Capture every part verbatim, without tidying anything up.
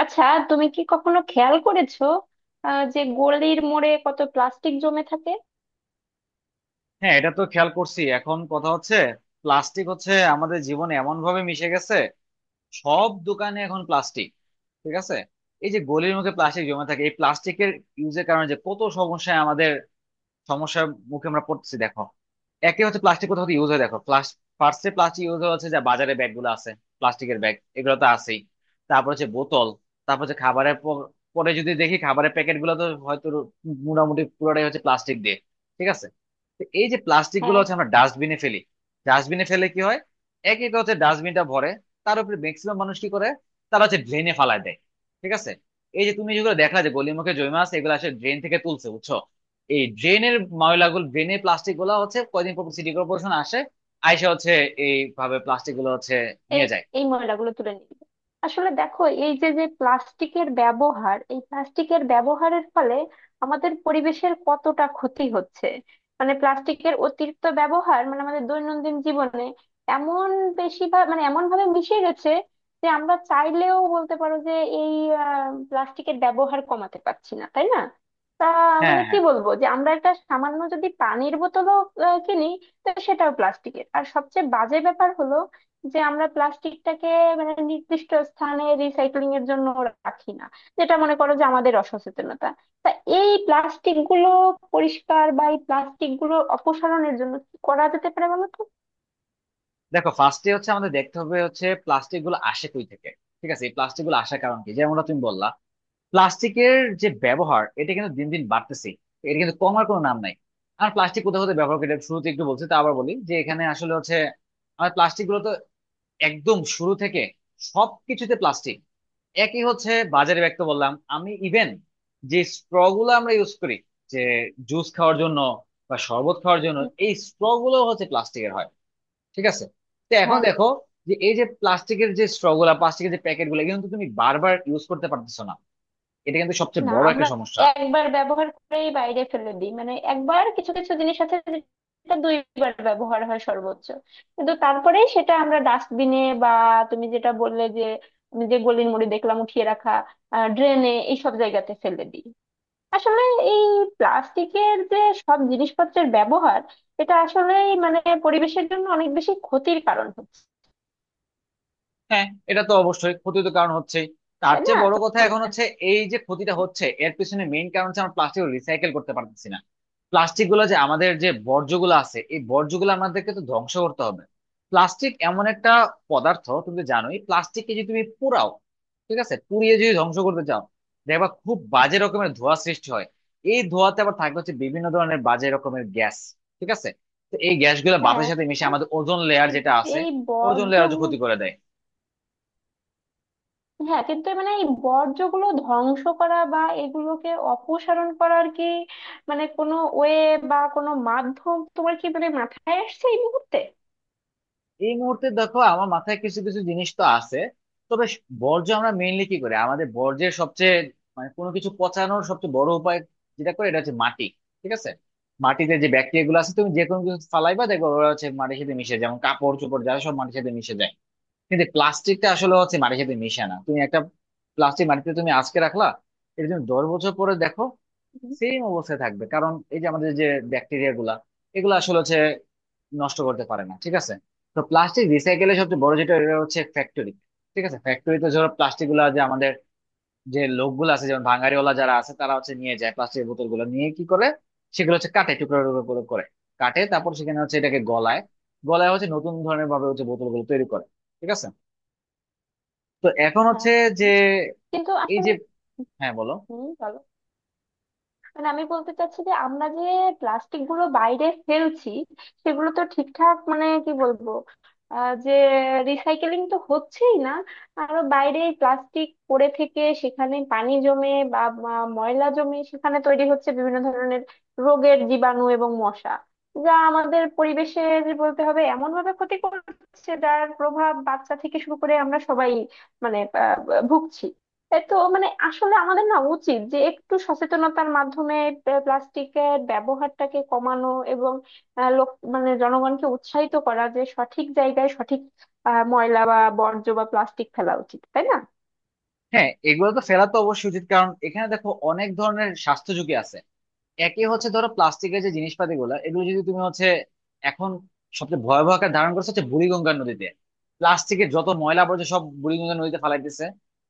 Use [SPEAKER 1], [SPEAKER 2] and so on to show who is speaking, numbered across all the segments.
[SPEAKER 1] আচ্ছা, তুমি কি কখনো খেয়াল করেছো আহ, যে গলির মোড়ে কত প্লাস্টিক জমে থাকে?
[SPEAKER 2] হ্যাঁ, এটা তো খেয়াল করছি। এখন কথা হচ্ছে, প্লাস্টিক হচ্ছে আমাদের জীবনে এমন ভাবে মিশে গেছে। সব দোকানে এখন প্লাস্টিক। ঠিক আছে। এই যে গলির মুখে প্লাস্টিক জমে থাকে, এই প্লাস্টিকের ইউজের কারণে যে কত সমস্যায় আমাদের, সমস্যার মুখে আমরা পড়তেছি, দেখো। একে হচ্ছে প্লাস্টিক কোথাও ইউজ হয় দেখো, ফার্স্টে প্লাস্টিক ইউজ হচ্ছে যা বাজারে ব্যাগ গুলো আছে, প্লাস্টিকের ব্যাগ, এগুলো তো আছেই। তারপর হচ্ছে বোতল। তারপর হচ্ছে খাবারের প- পরে যদি দেখি খাবারের প্যাকেট গুলো তো হয়তো মোটামুটি পুরোটাই হচ্ছে প্লাস্টিক দিয়ে। ঠিক আছে। তো এই যে প্লাস্টিক গুলো
[SPEAKER 1] হ্যাঁ।
[SPEAKER 2] হচ্ছে আমরা ডাস্টবিনে ফেলি। ডাস্টবিনে ফেলে কি হয়? এক এক হচ্ছে ডাস্টবিনটা ভরে। তার উপরে ম্যাক্সিমাম মানুষ কি করে, তারা হচ্ছে ড্রেনে ফালায় দেয়। ঠিক আছে। এই যে তুমি যেগুলো দেখলা যে গলির মুখে জমে আছে, এগুলো আসলে ড্রেন থেকে তুলছে, বুঝছো। এই ড্রেনের ময়লাগুলো, ড্রেনের প্লাস্টিক গুলা হচ্ছে কয়দিন পর সিটি কর্পোরেশন আসে, আইসা হচ্ছে এইভাবে প্লাস্টিক গুলো হচ্ছে
[SPEAKER 1] এই
[SPEAKER 2] নিয়ে যায়।
[SPEAKER 1] এই ময়লাগুলো তুলে নিবে। আসলে দেখো এই যে যে প্লাস্টিকের ব্যবহার, এই প্লাস্টিকের ব্যবহারের ফলে আমাদের পরিবেশের কতটা ক্ষতি হচ্ছে। মানে প্লাস্টিকের অতিরিক্ত ব্যবহার মানে আমাদের দৈনন্দিন জীবনে এমন বেশি ভা- মানে এমন ভাবে মিশে গেছে যে আমরা চাইলেও বলতে পারো যে এই প্লাস্টিকের ব্যবহার কমাতে পারছি না, তাই না? তা
[SPEAKER 2] হ্যাঁ
[SPEAKER 1] মানে কি
[SPEAKER 2] হ্যাঁ
[SPEAKER 1] বলবো, যে আমরা একটা সামান্য যদি পানির বোতলও আহ, কিনি, তো সেটাও প্লাস্টিকের। আর সবচেয়ে বাজে ব্যাপার হলো যে আমরা প্লাস্টিকটাকে মানে নির্দিষ্ট স্থানে রিসাইক্লিং এর জন্য রাখি না। যেটা মনে করো যে আমাদের অসচেতনতা। তা এই প্লাস্টিক গুলো পরিষ্কার বা এই প্লাস্টিক গুলো অপসারণের জন্য কি করা যেতে পারে বলো তো?
[SPEAKER 2] দেখো, ফার্স্টে হচ্ছে আমাদের দেখতে হবে হচ্ছে প্লাস্টিক গুলো আসে কই থেকে। ঠিক আছে। এই প্লাস্টিক গুলো আসার কারণ কি, যেমনটা তুমি বললা, প্লাস্টিকের যে ব্যবহার, এটা কিন্তু দিন দিন বাড়তেছে, এটা কিন্তু কমার কোনো নাম নাই। আর প্লাস্টিক কোথাও কোথাও ব্যবহার করে, এটা শুরুতে একটু বলছি তা আবার বলি, যে এখানে আসলে হচ্ছে আমার প্লাস্টিক গুলো তো একদম শুরু থেকে সবকিছুতে প্লাস্টিক। একই হচ্ছে বাজারে ব্যাগ তো বললাম আমি, ইভেন যে স্ট্র গুলো আমরা ইউজ করি, যে জুস খাওয়ার জন্য বা শরবত খাওয়ার জন্য,
[SPEAKER 1] উম,
[SPEAKER 2] এই স্ট্র গুলো হচ্ছে প্লাস্টিকের হয়। ঠিক আছে। তো এখন
[SPEAKER 1] হ্যাঁ।
[SPEAKER 2] দেখো, যে এই যে প্লাস্টিকের যে স্ট্র গুলা, প্লাস্টিকের যে প্যাকেট গুলো, এগুলো কিন্তু তুমি বারবার ইউজ করতে পারতেছো না। এটা কিন্তু সবচেয়ে
[SPEAKER 1] না,
[SPEAKER 2] বড় একটা
[SPEAKER 1] আমরা
[SPEAKER 2] সমস্যা।
[SPEAKER 1] একবার ব্যবহার করেই বাইরে ফেলে দিই। মানে একবার কিছু কিছু জিনিস আছে যেটা দুইবার ব্যবহার হয় সর্বোচ্চ, কিন্তু তারপরে সেটা আমরা ডাস্টবিনে বা তুমি যেটা বললে যে আমি যে গলির মোড়ে দেখলাম উঠিয়ে রাখা, ড্রেনে এইসব জায়গাতে ফেলে দিই। আসলে এই প্লাস্টিকের যে সব জিনিসপত্রের ব্যবহার, এটা আসলেই মানে পরিবেশের জন্য অনেক বেশি ক্ষতির কারণ হচ্ছে।
[SPEAKER 2] হ্যাঁ, এটা তো অবশ্যই ক্ষতি তো কারণ হচ্ছেই। তার
[SPEAKER 1] তাই না
[SPEAKER 2] চেয়ে বড়
[SPEAKER 1] তো
[SPEAKER 2] কথা
[SPEAKER 1] মনে
[SPEAKER 2] এখন
[SPEAKER 1] হয়।
[SPEAKER 2] হচ্ছে, এই যে ক্ষতিটা হচ্ছে এর পিছনে মেইন কারণ হচ্ছে আমরা প্লাস্টিক রিসাইকেল করতে পারতেছি না। প্লাস্টিক গুলো যে আমাদের যে বর্জ্যগুলো আছে, এই বর্জ্যগুলো আমাদেরকে তো ধ্বংস করতে হবে। প্লাস্টিক এমন একটা পদার্থ, তুমি তো জানোই, প্লাস্টিককে যদি তুমি পোড়াও, ঠিক আছে, পুড়িয়ে যদি ধ্বংস করতে চাও, দেখবা খুব বাজে রকমের ধোঁয়া সৃষ্টি হয়। এই ধোঁয়াতে আবার থাকে হচ্ছে বিভিন্ন ধরনের বাজে রকমের গ্যাস। ঠিক আছে। তো এই গ্যাসগুলো
[SPEAKER 1] হ্যাঁ,
[SPEAKER 2] বাতাসের সাথে মিশে আমাদের ওজোন লেয়ার
[SPEAKER 1] কিন্তু
[SPEAKER 2] যেটা আছে,
[SPEAKER 1] এই
[SPEAKER 2] ওজোন
[SPEAKER 1] বর্জ্য
[SPEAKER 2] লেয়ার ক্ষতি
[SPEAKER 1] গু-
[SPEAKER 2] করে দেয়।
[SPEAKER 1] হ্যাঁ কিন্তু মানে এই বর্জ্যগুলো ধ্বংস করা বা এগুলোকে অপসারণ করার কি, মানে কোনো ওয়ে বা কোনো মাধ্যম তোমার কি মানে মাথায় আসছে এই মুহূর্তে?
[SPEAKER 2] এই মুহূর্তে দেখো আমার মাথায় কিছু কিছু জিনিস তো আছে। তবে স- বর্জ্য আমরা মেইনলি কি করি, আমাদের বর্জ্যের সবচেয়ে, মানে কোনো কিছু পচানোর সবচেয়ে বড় উপায় যেটা করে এটা হচ্ছে মাটি। ঠিক আছে। মাটিতে যে ব্যাকটেরিয়া গুলো আছে, তুমি যে কোনো কিছু ফালাইবা দেখবে ওরা হচ্ছে মাটির সাথে মিশে যায়, যেমন কাপড় চোপড় যা সব মাটির সাথে মিশে যায়। কিন্তু প্লাস্টিকটা আসলে হচ্ছে মাটির সাথে মিশে না। তুমি একটা প্লাস্টিক মাটিতে তুমি আজকে রাখলা, এটা তুমি দশ বছর পরে দেখো,
[SPEAKER 1] হুম,
[SPEAKER 2] সেম অবস্থায় থাকবে। কারণ এই যে আমাদের যে ব্যাকটেরিয়া গুলা, এগুলো আসলে হচ্ছে নষ্ট করতে পারে না। ঠিক আছে। তো প্লাস্টিক রিসাইকেলের সবচেয়ে বড় যেটা এটা হচ্ছে ফ্যাক্টরি। ঠিক আছে। ফ্যাক্টরিতে ধরো প্লাস্টিক গুলা, যে আমাদের যে লোকগুলো আছে যেমন ভাঙাড়িওয়ালা, যারা আছে তারা হচ্ছে নিয়ে যায় প্লাস্টিকের বোতল গুলো, নিয়ে কি করে সেগুলো হচ্ছে কাটে, টুকরো টুকরো করে করে। কাটে তারপর সেখানে হচ্ছে এটাকে গলায়, গলায় হচ্ছে নতুন ধরনের ভাবে হচ্ছে বোতল গুলো তৈরি করে। ঠিক আছে। তো এখন হচ্ছে
[SPEAKER 1] হ্যাঁ।
[SPEAKER 2] যে
[SPEAKER 1] হুম। কিন্তু
[SPEAKER 2] এই
[SPEAKER 1] আসলে
[SPEAKER 2] যে, হ্যাঁ বলো।
[SPEAKER 1] হম মানে আমি বলতে চাচ্ছি যে আমরা যে প্লাস্টিক গুলো বাইরে ফেলছি, সেগুলো তো ঠিকঠাক মানে কি বলবো, আহ, যে রিসাইকেলিং তো হচ্ছেই না। আরো বাইরে প্লাস্টিক পড়ে থেকে সেখানে পানি জমে বা বা ময়লা জমে, সেখানে তৈরি হচ্ছে বিভিন্ন ধরনের রোগের জীবাণু এবং মশা, যা আমাদের পরিবেশের বলতে হবে এমন ভাবে ক্ষতি করছে যার প্রভাব বাচ্চা থেকে শুরু করে আমরা সবাই মানে আহ, ভুগছি। এ তো মানে আসলে আমাদের না উচিত যে একটু সচেতনতার মাধ্যমে প্লা- প্লাস্টিকের ব্যবহারটাকে কমানো এবং আহ, লোক মানে জনগণকে উৎসাহিত করা যে সঠিক জায়গায় সঠিক আহ, ময়লা বা বর্জ্য বা প্লাস্টিক ফেলা উচিত, তাই না?
[SPEAKER 2] হ্যাঁ, এগুলো তো ফেলা তো অবশ্যই উচিত, কারণ এখানে দেখো অনেক ধরনের স্বাস্থ্য ঝুঁকি আছে। একই হচ্ছে ধরো প্লাস্টিকের যে জিনিসপাতি গুলা, এগুলো যদি তুমি হচ্ছে, এখন সবচেয়ে ভয়াবহ আকার ধারণ করছে হচ্ছে বুড়িগঙ্গা নদীতে। প্লাস্টিকের যত ময়লা আবর্জনা সব বুড়িগঙ্গা নদীতে ফালাইতেছে।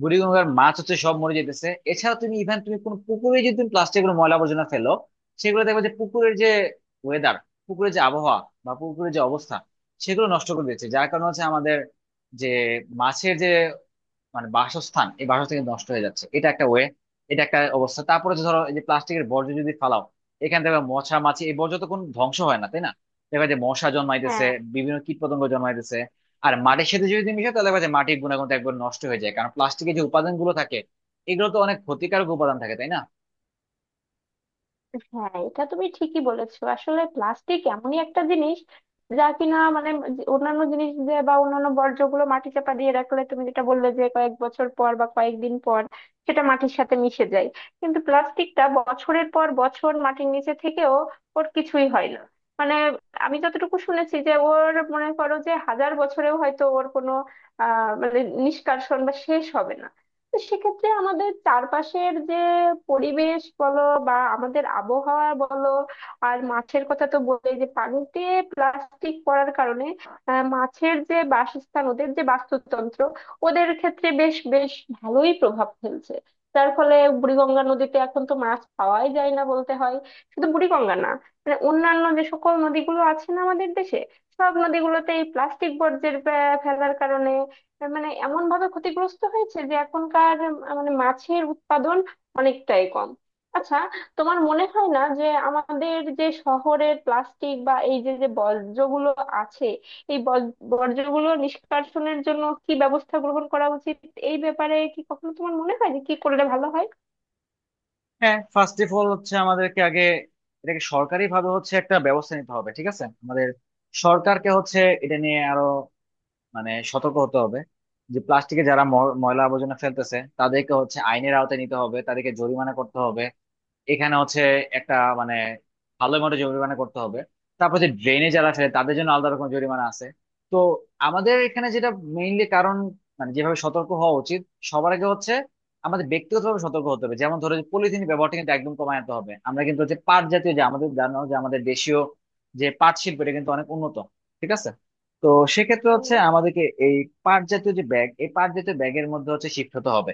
[SPEAKER 2] বুড়িগঙ্গার মাছ হচ্ছে সব মরে যেতেছে। এছাড়া তুমি ইভেন তুমি কোনো পুকুরে যদি তুমি প্লাস্টিকের ময়লা আবর্জনা ফেলো, সেগুলো দেখবে যে পুকুরের যে ওয়েদার, পুকুরের যে আবহাওয়া বা পুকুরের যে অবস্থা সেগুলো নষ্ট করে দিচ্ছে। যার কারণে হচ্ছে আমাদের যে মাছের যে মানে বাসস্থান, এই বাসস্থান কিন্তু নষ্ট হয়ে যাচ্ছে। এটা একটা ওয়ে, এটা একটা অবস্থা। তারপরে যে ধরো এই যে প্লাস্টিকের বর্জ্য যদি ফালাও, এখান থেকে মশা মাছি, এই বর্জ্য তো কোনো ধ্বংস হয় না, তাই না। দেখা যায় মশা জন্মাইতেছে,
[SPEAKER 1] হ্যাঁ।
[SPEAKER 2] বিভিন্ন কীট পতঙ্গ জন্মাইতেছে। আর মাটির সাথে যদি মিশে তাহলে দেখা যায় মাটির গুণাগুণ তো একবার নষ্ট হয়ে যায়, কারণ প্লাস্টিকের যে উপাদান গুলো থাকে, এগুলো তো অনেক ক্ষতিকারক উপাদান থাকে, তাই না।
[SPEAKER 1] হ্যাঁ, এটা তুমি ঠিকই বলেছো। আসলে প্লাস্টিক এমনই একটা জিনিস যা কিনা মানে যে অন্যান্য জিনিস যে বা অন্যান্য বর্জ্যগুলো মাটি চাপা দিয়ে রাখলে তুমি যেটা বললে যে কয়েক বছর পর বা কয়েকদিন পর সেটা মাটির সাথে মিশে যায়, কিন্তু প্লাস্টিকটা বছরের পর বছর মাটির নিচে থেকেও ওর কিছুই হয় না। মানে আমি যতটুকু শুনেছি যে ওর, মনে করো, যে হাজার বছরেও হয়তো ওর কোনো আহ মানে নিষ্কাশন বা শেষ হবে না। তো সেক্ষেত্রে আমাদের চারপাশের যে পরিবেশ বলো বা আমাদের আবহাওয়া বলো, আর মাছের কথা তো বলে, যে পানিতে প্লাস্টিক পড়ার কারণে আহ, মাছের যে বাসস্থান, ওদের যে বাস্তুতন্ত্র, ওদের ক্ষেত্রে বেশ বেশ ভালোই প্রভাব ফেলছে, যার ফলে বুড়িগঙ্গা নদীতে এখন তো মাছ পাওয়াই যায় না বলতে হয়। শুধু বুড়িগঙ্গা না, মানে অন্যান্য যে সকল নদীগুলো আছে না আমাদের দেশে, সব নদীগুলোতে এই প্লাস্টিক বর্জ্যের আহ, ফেলার কারণে, তার মানে এমন ভাবে ক্ষতিগ্রস্ত হয়েছে যে এখনকার আহ, মানে মাছের উৎপাদন অনেকটাই কম। আচ্ছা, তোমার মনে হয় না যে আমাদের যে শহরের প্লাস্টিক বা এই যে যে বর্জ্যগুলো আছে, এই বর্জ- বর্জ্যগুলো নিষ্কাশনের জন্য কি ব্যবস্থা গ্রহণ করা উচিত? এই ব্যাপারে কি কখনো তোমার মনে হয় যে কি করলে ভালো হয়?
[SPEAKER 2] হ্যাঁ, ফার্স্ট অফ অল হচ্ছে আমাদেরকে আগে এটাকে সরকারি ভাবে হচ্ছে একটা ব্যবস্থা নিতে হবে। ঠিক আছে। আমাদের সরকারকে হচ্ছে এটা নিয়ে আরো মানে সতর্ক হতে হবে, যে প্লাস্টিকে যারা ম- ময়লা আবর্জনা ফেলতেছে তাদেরকে হচ্ছে আইনের আওতায় নিতে হবে, তাদেরকে জরিমানা করতে হবে। এখানে হচ্ছে একটা মানে ভালো মতো জরিমানা করতে হবে। তারপর যে ড্রেনে যারা ফেলে তাদের জন্য আলাদা রকম জরিমানা আছে। তো আমাদের এখানে যেটা মেইনলি কারণ মানে যেভাবে সতর্ক হওয়া উচিত, সবার আগে হচ্ছে আমাদের ব্যক্তিগতভাবে সতর্ক হতে হবে। যেমন ধরো যে পলিথিন ব্যবহারটা কিন্তু একদম কমায় আনতে হবে। আমরা কিন্তু হচ্ছে পাট জাতীয় যে, আমাদের জানো যে আমাদের দেশীয় যে পাট শিল্প, এটা কিন্তু অনেক উন্নত। ঠিক আছে। তো সেক্ষেত্রে হচ্ছে
[SPEAKER 1] উম,
[SPEAKER 2] আমাদেরকে এই পাট জাতীয় যে ব্যাগ, এই পাট জাতীয় ব্যাগের মধ্যে হচ্ছে শিফট হতে হবে,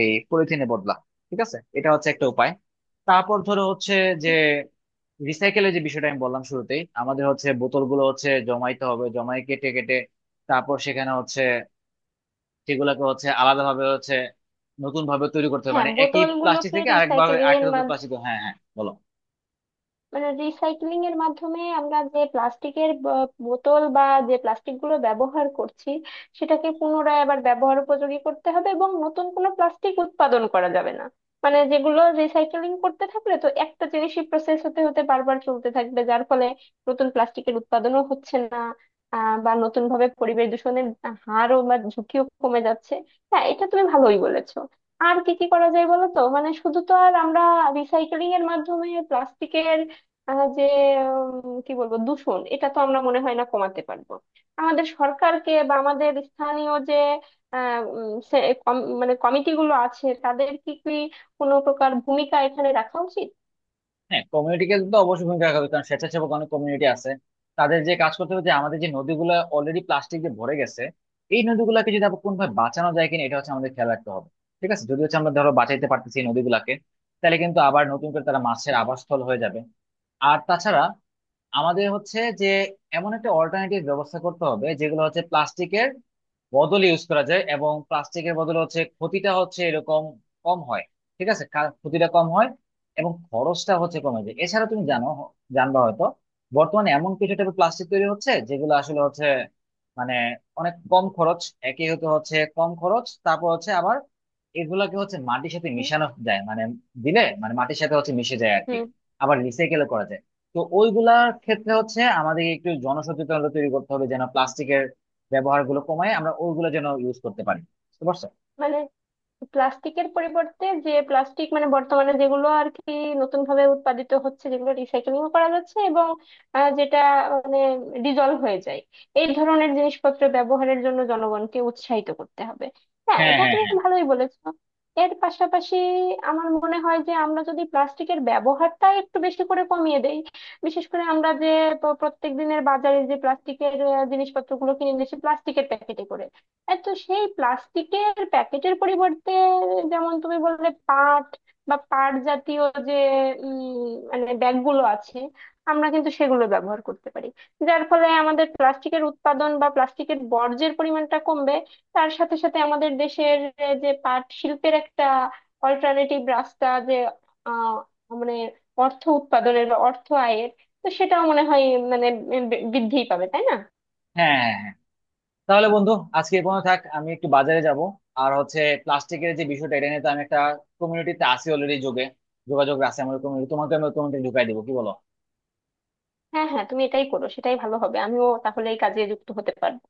[SPEAKER 2] এই পলিথিনে বদলা। ঠিক আছে। এটা হচ্ছে একটা উপায়। তারপর ধরো হচ্ছে যে রিসাইকেলের যে বিষয়টা আমি বললাম শুরুতেই, আমাদের হচ্ছে বোতলগুলো হচ্ছে জমাইতে হবে, জমাই কেটে কেটে, তারপর সেখানে হচ্ছে সেগুলোকে হচ্ছে আলাদাভাবে হচ্ছে নতুন ভাবে তৈরি করতে হবে,
[SPEAKER 1] হ্যাঁ,
[SPEAKER 2] মানে একই প্লাস্টিক
[SPEAKER 1] বোতলগুলোকে
[SPEAKER 2] থেকে আরেকভাবে
[SPEAKER 1] রিসাইকেলিং
[SPEAKER 2] আরেকটা
[SPEAKER 1] এর
[SPEAKER 2] নতুন
[SPEAKER 1] মাধ্যমে,
[SPEAKER 2] প্লাস্টিক। হ্যাঁ, হ্যাঁ, বলো।
[SPEAKER 1] মানে রিসাইক্লিং এর মাধ্যমে আমরা যে প্লাস্টিকের বোতল বা যে প্লাস্টিক গুলো ব্যবহার করছি, সেটাকে পুনরায় আবার ব্যবহার উপযোগী করতে হবে এবং নতুন কোনো প্লাস্টিক উৎপাদন করা যাবে না। মানে যেগুলো রিসাইক্লিং করতে থাকলে তো একটা জিনিসই প্রসেস হতে হতে বারবার চলতে থাকবে, যার ফলে নতুন প্লাস্টিকের উৎপাদনও হচ্ছে না আহ বা নতুন ভাবে পরিবেশ দূষণের হারও বা ঝুঁকিও কমে যাচ্ছে। হ্যাঁ, এটা তুমি ভালোই বলেছো। আর কি কি করা যায় বলো তো, মানে শুধু তো আর আমরা রিসাইক্লিং এর মাধ্যমে প্লাস্টিকের আহ যে উম, কি বলবো দূষণ, এটা তো আমরা মনে হয় না কমাতে পারবো। আমাদের সরকারকে বা আমাদের স্থানীয় যে আহ, উম, সে- কম- মানে কমিটিগুলো আছে, তাদের কি কি কোনো প্রকার ভূমিকা এখানে রাখা উচিত?
[SPEAKER 2] হ্যাঁ, কমিউনিটিকে তো অবশ্যই ভূমিকা রাখা হবে, কারণ স্বেচ্ছাসেবক অনেক কমিউনিটি আছে। তাদের যে কাজ করতে হবে যে আমাদের যে নদীগুলো অলরেডি প্লাস্টিক দিয়ে ভরে গেছে, এই নদীগুলোকে যদি আবার কোনোভাবে বাঁচানো যায় কিনা, এটা হচ্ছে আমাদের খেয়াল রাখতে হবে। ঠিক আছে। যদি হচ্ছে আমরা ধরো বাঁচাইতে পারতেছি এই নদীগুলাকে, তাহলে কিন্তু আবার নতুন করে তারা মাছের আবাসস্থল হয়ে যাবে। আর তাছাড়া আমাদের হচ্ছে যে এমন একটা অল্টারনেটিভ ব্যবস্থা করতে হবে, যেগুলো হচ্ছে প্লাস্টিকের বদল ইউজ করা যায় এবং প্লাস্টিকের বদলে হচ্ছে ক্ষতিটা হচ্ছে এরকম কম হয়। ঠিক আছে। কা- ক্ষতিটা কম হয় এবং খরচটা হচ্ছে কমে যায়। এছাড়া তুমি জানো, জানবা হয়তো, বর্তমানে এমন কিছু টাইপের প্লাস্টিক তৈরি হচ্ছে যেগুলো আসলে হচ্ছে মানে অনেক কম খরচ। একই হতে হচ্ছে কম খরচ, তারপর হচ্ছে আবার এগুলাকে হচ্ছে মাটির সাথে মিশানো যায়, মানে দিলে মানে মাটির সাথে হচ্ছে মিশে যায় আর কি,
[SPEAKER 1] হুম
[SPEAKER 2] আবার রিসাইকেল করা যায়। তো ওইগুলার ক্ষেত্রে হচ্ছে আমাদের একটু জনসচেতনতা তৈরি করতে হবে, যেন প্লাস্টিকের ব্যবহার গুলো কমায় আমরা ওইগুলো যেন ইউজ করতে পারি। বুঝতে পারছো?
[SPEAKER 1] মানে প্লাস্টিকের পরিবর্তে যে প্লাস্টিক মানে বর্তমানে যেগুলো আর কি নতুন ভাবে উৎপাদিত হচ্ছে, যেগুলো রিসাইক্লিং করা যাচ্ছে এবং আহ, যেটা মানে ডিজলভ হয়ে যায়, এই ধরনের জিনিসপত্র ব্যবহারের জন্য জনগণকে উৎসাহিত করতে হবে। হ্যাঁ,
[SPEAKER 2] হ্যাঁ
[SPEAKER 1] এটা
[SPEAKER 2] হ্যাঁ
[SPEAKER 1] তুমি
[SPEAKER 2] হ্যাঁ
[SPEAKER 1] ভালোই বলেছো। এর পাশাপাশি আমার মনে হয় যে আমরা যদি প্লাস্টিকের ব্যবহারটা একটু বেশি করে কমিয়ে দেই, বিশেষ করে আমরা যে প- প্রত্যেক দিনের বাজারে যে প্লাস্টিকের জিনিসপত্রগুলো কিনে নিচ্ছি প্লাস্টিকের প্যাকেটে করে, আর তো সেই প্লাস্টিকের প্যাকেটের পরিবর্তে যেমন তুমি বললে পাট বা পাট জাতীয় যে উম, মানে ব্যাগগুলো আছে, আমরা কিন্তু সেগুলো ব্যবহার করতে পারি, যার ফলে আমাদের প্লাস্টিকের উৎপাদন বা প্লাস্টিকের বর্জ্যের পরিমাণটা কমবে। তার সাথে সাথে আমাদের দেশের আহ, যে পাট শিল্পের একটা অল্টারনেটিভ রাস্তা, যে আহ মানে অর্থ উৎপাদনের বা অর্থ আয়ের, তো সেটাও মনে হয় মানে বৃদ্ধিই পাবে, তাই না?
[SPEAKER 2] হ্যাঁ হ্যাঁ হ্যাঁ তাহলে বন্ধু, আজকে এ পর্যন্ত থাক, আমি একটু বাজারে যাব। আর হচ্ছে প্লাস্টিকের যে বিষয়টা এটা নিয়ে তো আমি একটা কমিউনিটিতে আছি, অলরেডি যোগে যোগাযোগ আছে আমাদের কমিউনিটি, তোমাকে আমি কমিউনিটি ঢুকাই দিবো, কি বলো?
[SPEAKER 1] হ্যাঁ, হ্যাঁ তুমি এটাই করো, সেটাই ভালো হবে। আমিও তাহলে এই কাজে যুক্ত হতে পারবো।